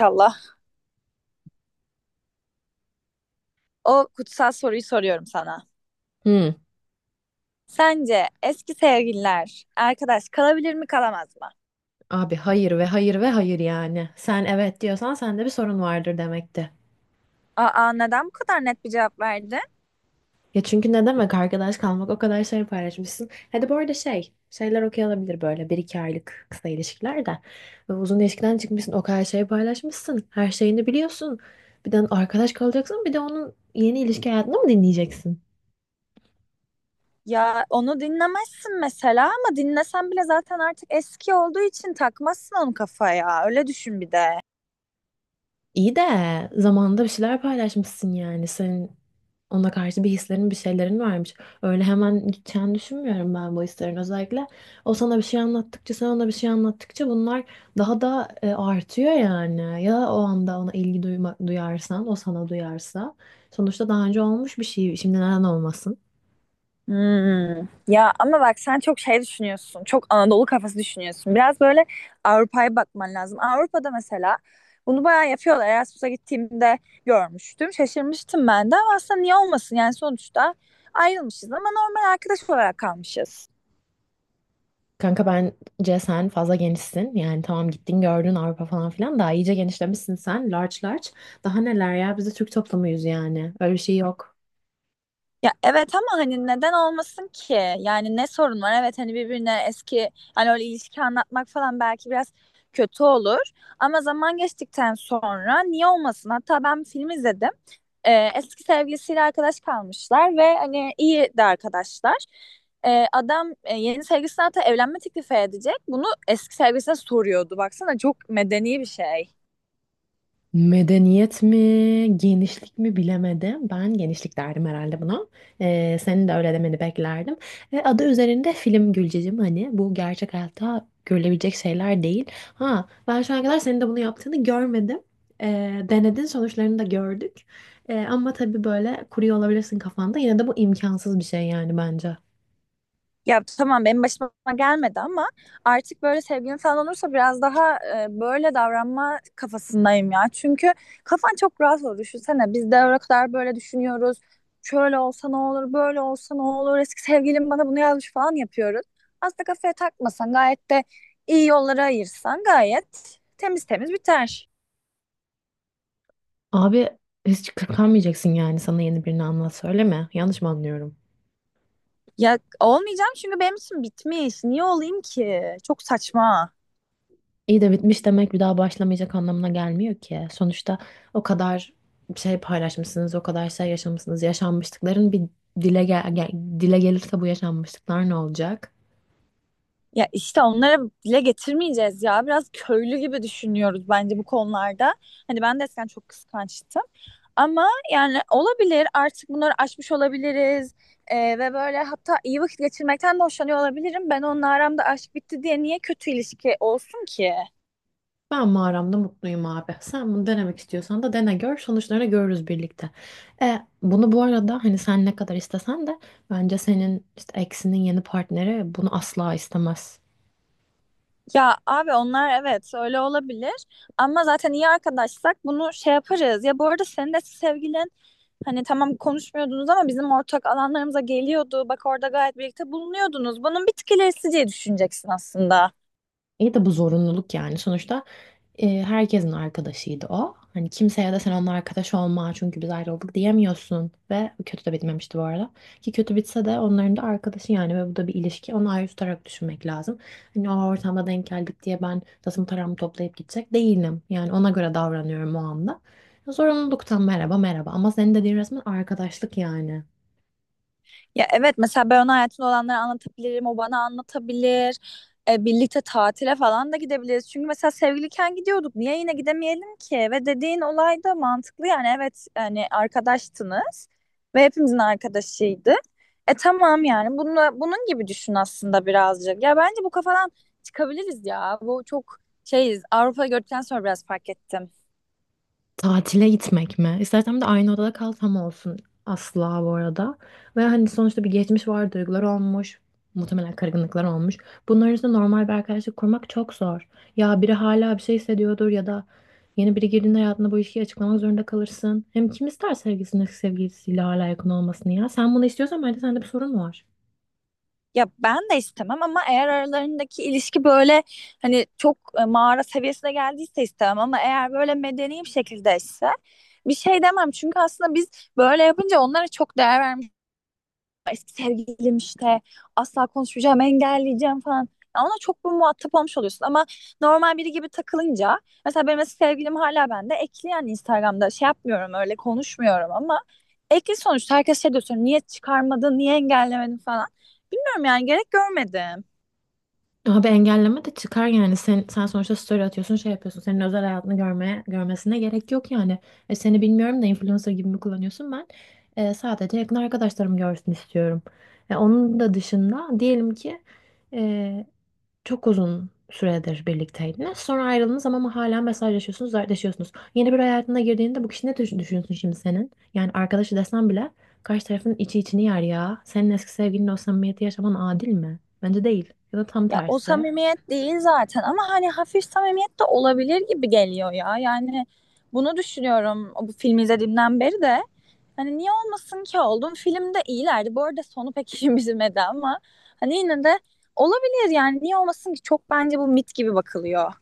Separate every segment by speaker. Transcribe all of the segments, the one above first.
Speaker 1: İnşallah. O kutsal soruyu soruyorum sana.
Speaker 2: Hı.
Speaker 1: Sence eski sevgililer arkadaş kalabilir mi kalamaz mı?
Speaker 2: Abi hayır ve hayır ve hayır yani. Sen evet diyorsan sende bir sorun vardır demekti.
Speaker 1: Aa neden bu kadar net bir cevap verdin?
Speaker 2: Ya çünkü ne demek arkadaş kalmak o kadar şey paylaşmışsın. Hadi bu arada şey şeyler okey olabilir böyle bir iki aylık kısa ilişkiler de. Ve uzun ilişkiden çıkmışsın o kadar şey paylaşmışsın. Her şeyini biliyorsun. Bir de arkadaş kalacaksın bir de onun yeni ilişki hayatını mı dinleyeceksin?
Speaker 1: Ya onu dinlemezsin mesela ama dinlesen bile zaten artık eski olduğu için takmazsın onu kafaya. Öyle düşün bir de.
Speaker 2: İyi de zamanında bir şeyler paylaşmışsın yani. Senin ona karşı bir hislerin, bir şeylerin varmış. Öyle hemen gideceğini düşünmüyorum ben bu hislerin. Özellikle o sana bir şey anlattıkça, sen ona bir şey anlattıkça bunlar daha da artıyor yani. Ya o anda ona ilgi duyma, duyarsan, o sana duyarsa. Sonuçta daha önce olmuş bir şey. Şimdi neden olmasın?
Speaker 1: Hmm. Ya ama bak sen çok şey düşünüyorsun. Çok Anadolu kafası düşünüyorsun. Biraz böyle Avrupa'ya bakman lazım. Avrupa'da mesela bunu bayağı yapıyorlar. Erasmus'a gittiğimde görmüştüm. Şaşırmıştım ben de ama aslında niye olmasın? Yani sonuçta ayrılmışız ama normal arkadaş olarak kalmışız.
Speaker 2: Kanka bence sen fazla genişsin. Yani tamam gittin gördün Avrupa falan filan. Daha iyice genişlemişsin sen. Large large. Daha neler ya? Biz de Türk toplumuyuz yani. Öyle bir şey yok.
Speaker 1: Ya evet ama hani neden olmasın ki? Yani ne sorun var? Evet hani birbirine eski hani öyle ilişki anlatmak falan belki biraz kötü olur. Ama zaman geçtikten sonra niye olmasın? Hatta ben bir film izledim. Eski sevgilisiyle arkadaş kalmışlar ve hani iyi de arkadaşlar. Adam yeni sevgilisine hatta evlenme teklifi edecek. Bunu eski sevgilisine soruyordu. Baksana çok medeni bir şey.
Speaker 2: Medeniyet mi, genişlik mi bilemedim. Ben genişlik derdim herhalde buna. Senin de öyle demeni beklerdim. Adı üzerinde film Gülcecim, hani bu gerçek hayatta görülebilecek şeyler değil. Ha, ben şu ana kadar senin de bunu yaptığını görmedim. Denedin, sonuçlarını da gördük. Ama tabii böyle kuruyor olabilirsin kafanda. Yine de bu imkansız bir şey yani bence.
Speaker 1: Ya tamam benim başıma gelmedi ama artık böyle sevgilim falan olursa biraz daha böyle davranma kafasındayım ya. Çünkü kafan çok rahat olur. Düşünsene biz de o kadar böyle düşünüyoruz. Şöyle olsa ne olur, böyle olsa ne olur. Eski sevgilim bana bunu yazmış falan yapıyoruz. Aslında kafaya takmasan gayet de iyi yollara ayırsan gayet temiz temiz biter.
Speaker 2: Abi hiç kırpamayacaksın yani, sana yeni birini anlat söyleme. Yanlış mı anlıyorum?
Speaker 1: Ya olmayacağım çünkü benim için bitmiş. Niye olayım ki? Çok saçma.
Speaker 2: İyi de bitmiş demek bir daha başlamayacak anlamına gelmiyor ki. Sonuçta o kadar şey paylaşmışsınız, o kadar şey yaşamışsınız. Yaşanmışlıkların bir dile gelirse bu yaşanmışlıklar ne olacak?
Speaker 1: Ya işte onlara dile getirmeyeceğiz ya. Biraz köylü gibi düşünüyoruz bence bu konularda. Hani ben de eskiden çok kıskançtım. Ama yani olabilir artık bunları aşmış olabiliriz. Ve böyle hatta iyi vakit geçirmekten de hoşlanıyor olabilirim. Ben onunla aramda aşk bitti diye niye kötü ilişki olsun ki?
Speaker 2: Ben mağaramda mutluyum abi. Sen bunu denemek istiyorsan da dene gör. Sonuçlarını görürüz birlikte. Bunu bu arada hani sen ne kadar istesen de bence senin işte eksinin yeni partneri bunu asla istemez.
Speaker 1: Ya abi onlar evet öyle olabilir ama zaten iyi arkadaşsak bunu şey yaparız. Ya bu arada senin de sevgilin hani tamam konuşmuyordunuz ama bizim ortak alanlarımıza geliyordu. Bak orada gayet birlikte bulunuyordunuz. Bunun bir tık ilerisi diye düşüneceksin aslında.
Speaker 2: İyi de bu zorunluluk yani. Sonuçta, herkesin arkadaşıydı o. Hani kimseye de sen onunla arkadaş olma çünkü biz ayrıldık diyemiyorsun. Ve kötü de bitmemişti bu arada. Ki kötü bitse de onların da arkadaşı yani ve bu da bir ilişki. Onu ayrı tutarak düşünmek lazım. Hani o ortamda denk geldik diye ben tasım taramı toplayıp gidecek değilim. Yani ona göre davranıyorum o anda. Zorunluluktan merhaba merhaba. Ama senin dediğin resmen arkadaşlık yani.
Speaker 1: Ya evet mesela ben ona hayatımda olanları anlatabilirim, o bana anlatabilir. Birlikte tatile falan da gidebiliriz. Çünkü mesela sevgiliyken gidiyorduk. Niye yine gidemeyelim ki? Ve dediğin olay da mantıklı yani evet yani arkadaştınız ve hepimizin arkadaşıydı. E tamam yani bunun gibi düşün aslında birazcık. Ya bence bu kafadan çıkabiliriz ya. Bu çok şeyiz. Avrupa gördükten sonra biraz fark ettim.
Speaker 2: Tatile gitmek mi? İstersen bir de aynı odada kal tam olsun. Asla bu arada. Ve hani sonuçta bir geçmiş var, duygular olmuş. Muhtemelen kırgınlıklar olmuş. Bunların üstüne normal bir arkadaşlık kurmak çok zor. Ya biri hala bir şey hissediyordur ya da yeni biri girdiğinde hayatında bu ilişkiyi açıklamak zorunda kalırsın. Hem kim ister sevgilisinin eski sevgilisiyle hala yakın olmasını ya? Sen bunu istiyorsan bence sende bir sorun var.
Speaker 1: Ya ben de istemem ama eğer aralarındaki ilişki böyle hani çok mağara seviyesine geldiyse istemem ama eğer böyle medeni bir şekilde ise bir şey demem. Çünkü aslında biz böyle yapınca onlara çok değer vermiş eski sevgilim işte asla konuşmayacağım, engelleyeceğim falan. Ya ona çok bir muhatap olmuş oluyorsun ama normal biri gibi takılınca mesela benim eski sevgilim hala bende ekli yani Instagram'da şey yapmıyorum öyle konuşmuyorum ama ekli sonuçta herkes şey diyor sonra niye çıkarmadın niye engellemedin falan. Bilmiyorum yani gerek görmedim.
Speaker 2: Abi engelleme de çıkar yani. Sen sonuçta story atıyorsun, şey yapıyorsun. Senin özel hayatını görmesine gerek yok yani. Seni bilmiyorum da influencer gibi mi kullanıyorsun ben? Sadece yakın arkadaşlarım görsün istiyorum. Onun da dışında diyelim ki e, çok uzun süredir birlikteydiniz. Sonra ayrıldınız ama hala mesajlaşıyorsunuz, dertleşiyorsunuz. Yeni bir hayatına girdiğinde bu kişi ne düşünüyorsun şimdi senin? Yani arkadaşı desen bile karşı tarafın içi içini yer ya. Senin eski sevgilinin o samimiyeti yaşaman adil mi? Bence değil. Ya da tam
Speaker 1: Ya o
Speaker 2: tersi.
Speaker 1: samimiyet değil zaten ama hani hafif samimiyet de olabilir gibi geliyor ya. Yani bunu düşünüyorum bu filmi izlediğimden beri de. Hani niye olmasın ki oldum. Film de iyilerdi. Bu arada sonu pek işimize yemedi ama hani yine de olabilir yani niye olmasın ki çok bence bu mit gibi bakılıyor.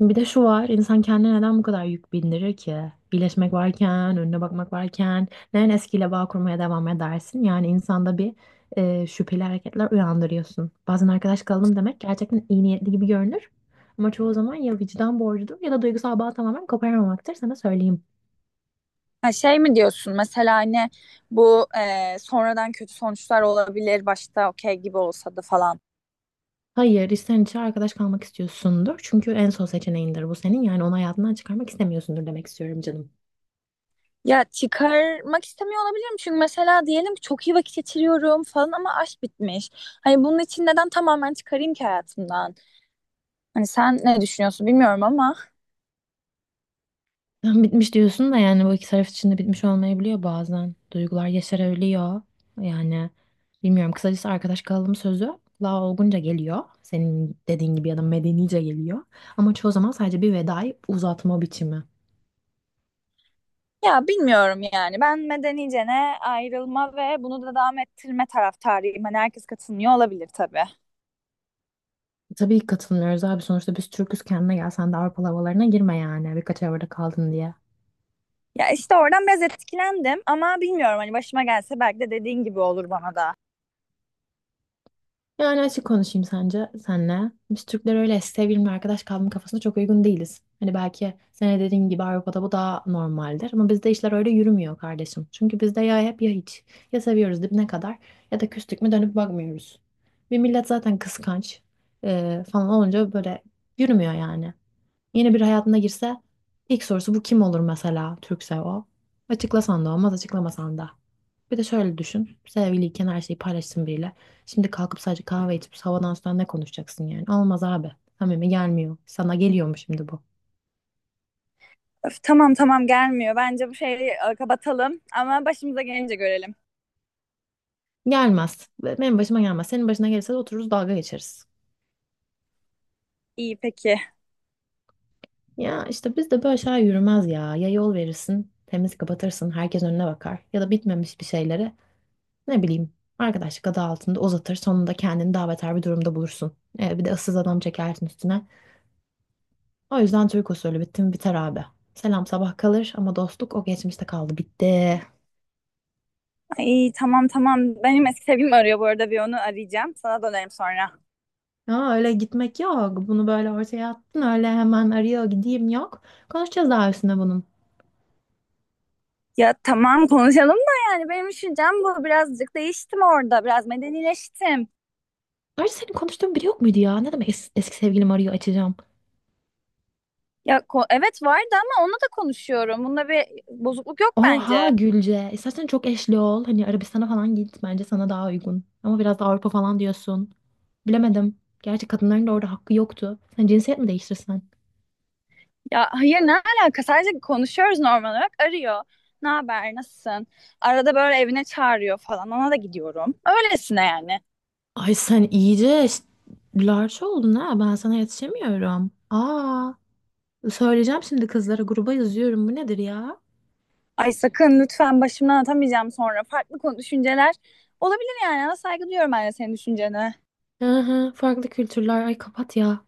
Speaker 2: Bir de şu var, insan kendine neden bu kadar yük bindirir ki? İyileşmek varken, önüne bakmak varken, neden eskiyle bağ kurmaya devam edersin? Yani insanda bir şüpheli hareketler uyandırıyorsun. Bazen arkadaş kalalım demek gerçekten iyi niyetli gibi görünür. Ama çoğu zaman ya vicdan borcudur ya da duygusal bağ tamamen koparamamaktır, sana söyleyeyim.
Speaker 1: Ha şey mi diyorsun mesela hani bu sonradan kötü sonuçlar olabilir başta okey gibi olsa da falan.
Speaker 2: Hayır, içten içe arkadaş kalmak istiyorsundur. Çünkü en son seçeneğindir bu senin. Yani onu hayatından çıkarmak istemiyorsundur demek istiyorum canım.
Speaker 1: Ya çıkarmak istemiyor olabilirim çünkü mesela diyelim ki çok iyi vakit geçiriyorum falan ama aşk bitmiş. Hani bunun için neden tamamen çıkarayım ki hayatımdan? Hani sen ne düşünüyorsun bilmiyorum ama
Speaker 2: Tam bitmiş diyorsun da yani bu iki taraf için de bitmiş olmayabiliyor bazen. Duygular yaşarabiliyor. Yani bilmiyorum, kısacası arkadaş kalalım sözü daha olgunca geliyor. Senin dediğin gibi ya da medenice geliyor. Ama çoğu zaman sadece bir vedayı uzatma biçimi.
Speaker 1: ya bilmiyorum yani. Ben medenicene ayrılma ve bunu da devam ettirme taraftarıyım. Hani herkes katılmıyor olabilir tabii.
Speaker 2: Tabii ki katılmıyoruz abi, sonuçta biz Türk'üz, kendine gel, sen de Avrupalı havalarına girme yani birkaç arabada kaldın diye.
Speaker 1: Ya işte oradan biraz etkilendim ama bilmiyorum hani başıma gelse belki de dediğin gibi olur bana da.
Speaker 2: Yani açık konuşayım sence senle. Biz Türkler öyle sevgili arkadaş kalma kafasına çok uygun değiliz. Hani belki senin dediğin gibi Avrupa'da bu daha normaldir ama bizde işler öyle yürümüyor kardeşim. Çünkü bizde ya hep ya hiç. Ya seviyoruz dibine kadar ya da küstük mü dönüp bakmıyoruz. Bir millet zaten kıskanç falan olunca böyle yürümüyor yani. Yeni bir hayatına girse ilk sorusu bu kim olur mesela, Türkse o. Açıklasan da olmaz, açıklamasan da. Bir de şöyle düşün. Sevgiliyken her şeyi paylaşsın biriyle. Şimdi kalkıp sadece kahve içip havadan sudan ne konuşacaksın yani? Olmaz abi. Samimi gelmiyor. Sana geliyor mu şimdi bu?
Speaker 1: Öf, tamam tamam gelmiyor. Bence bu şeyi kapatalım ama başımıza gelince görelim.
Speaker 2: Gelmez. Ve benim başıma gelmez. Senin başına gelirse de otururuz dalga geçeriz.
Speaker 1: İyi peki.
Speaker 2: Ya işte bizde böyle şeyler yürümez ya. Ya yol verirsin, temiz kapatırsın, herkes önüne bakar. Ya da bitmemiş bir şeyleri, ne bileyim, arkadaşlık adı altında uzatır, sonunda kendini daha beter bir durumda bulursun. Bir de ıssız adam çekersin üstüne. O yüzden Türk usulü bitti mi biter abi. Selam sabah kalır ama dostluk o geçmişte kaldı, bitti.
Speaker 1: İyi tamam tamam. Benim eski sevgilim arıyor bu arada bir onu arayacağım. Sana dönerim sonra.
Speaker 2: Aa, öyle gitmek yok. Bunu böyle ortaya attın, öyle hemen arıyor gideyim yok. Konuşacağız daha üstüne bunun.
Speaker 1: Ya tamam konuşalım da yani benim düşüncem bu. Birazcık değiştim orada. Biraz medenileştim.
Speaker 2: Ayrıca senin konuştuğun biri yok muydu ya? Ne demek eski sevgilim arıyor açacağım.
Speaker 1: Evet vardı ama onunla da konuşuyorum. Bunda bir bozukluk yok bence.
Speaker 2: Oha Gülce. İstersen çok eşli ol. Hani Arabistan'a falan git. Bence sana daha uygun. Ama biraz da Avrupa falan diyorsun. Bilemedim. Gerçi kadınların da orada hakkı yoktu. Sen cinsiyet mi değiştirsen?
Speaker 1: Ya hayır ne alaka? Sadece konuşuyoruz normal olarak. Arıyor. Ne haber? Nasılsın? Arada böyle evine çağırıyor falan. Ona da gidiyorum. Öylesine yani.
Speaker 2: Ay sen iyice larç oldun ha. Ben sana yetişemiyorum. Aa, söyleyeceğim, şimdi kızlara gruba yazıyorum. Bu nedir ya?
Speaker 1: Ay sakın lütfen başımdan atamayacağım sonra. Farklı konu düşünceler olabilir yani. Ama saygı duyuyorum ben de senin düşüncene.
Speaker 2: Hı hı, farklı kültürler. Ay kapat ya.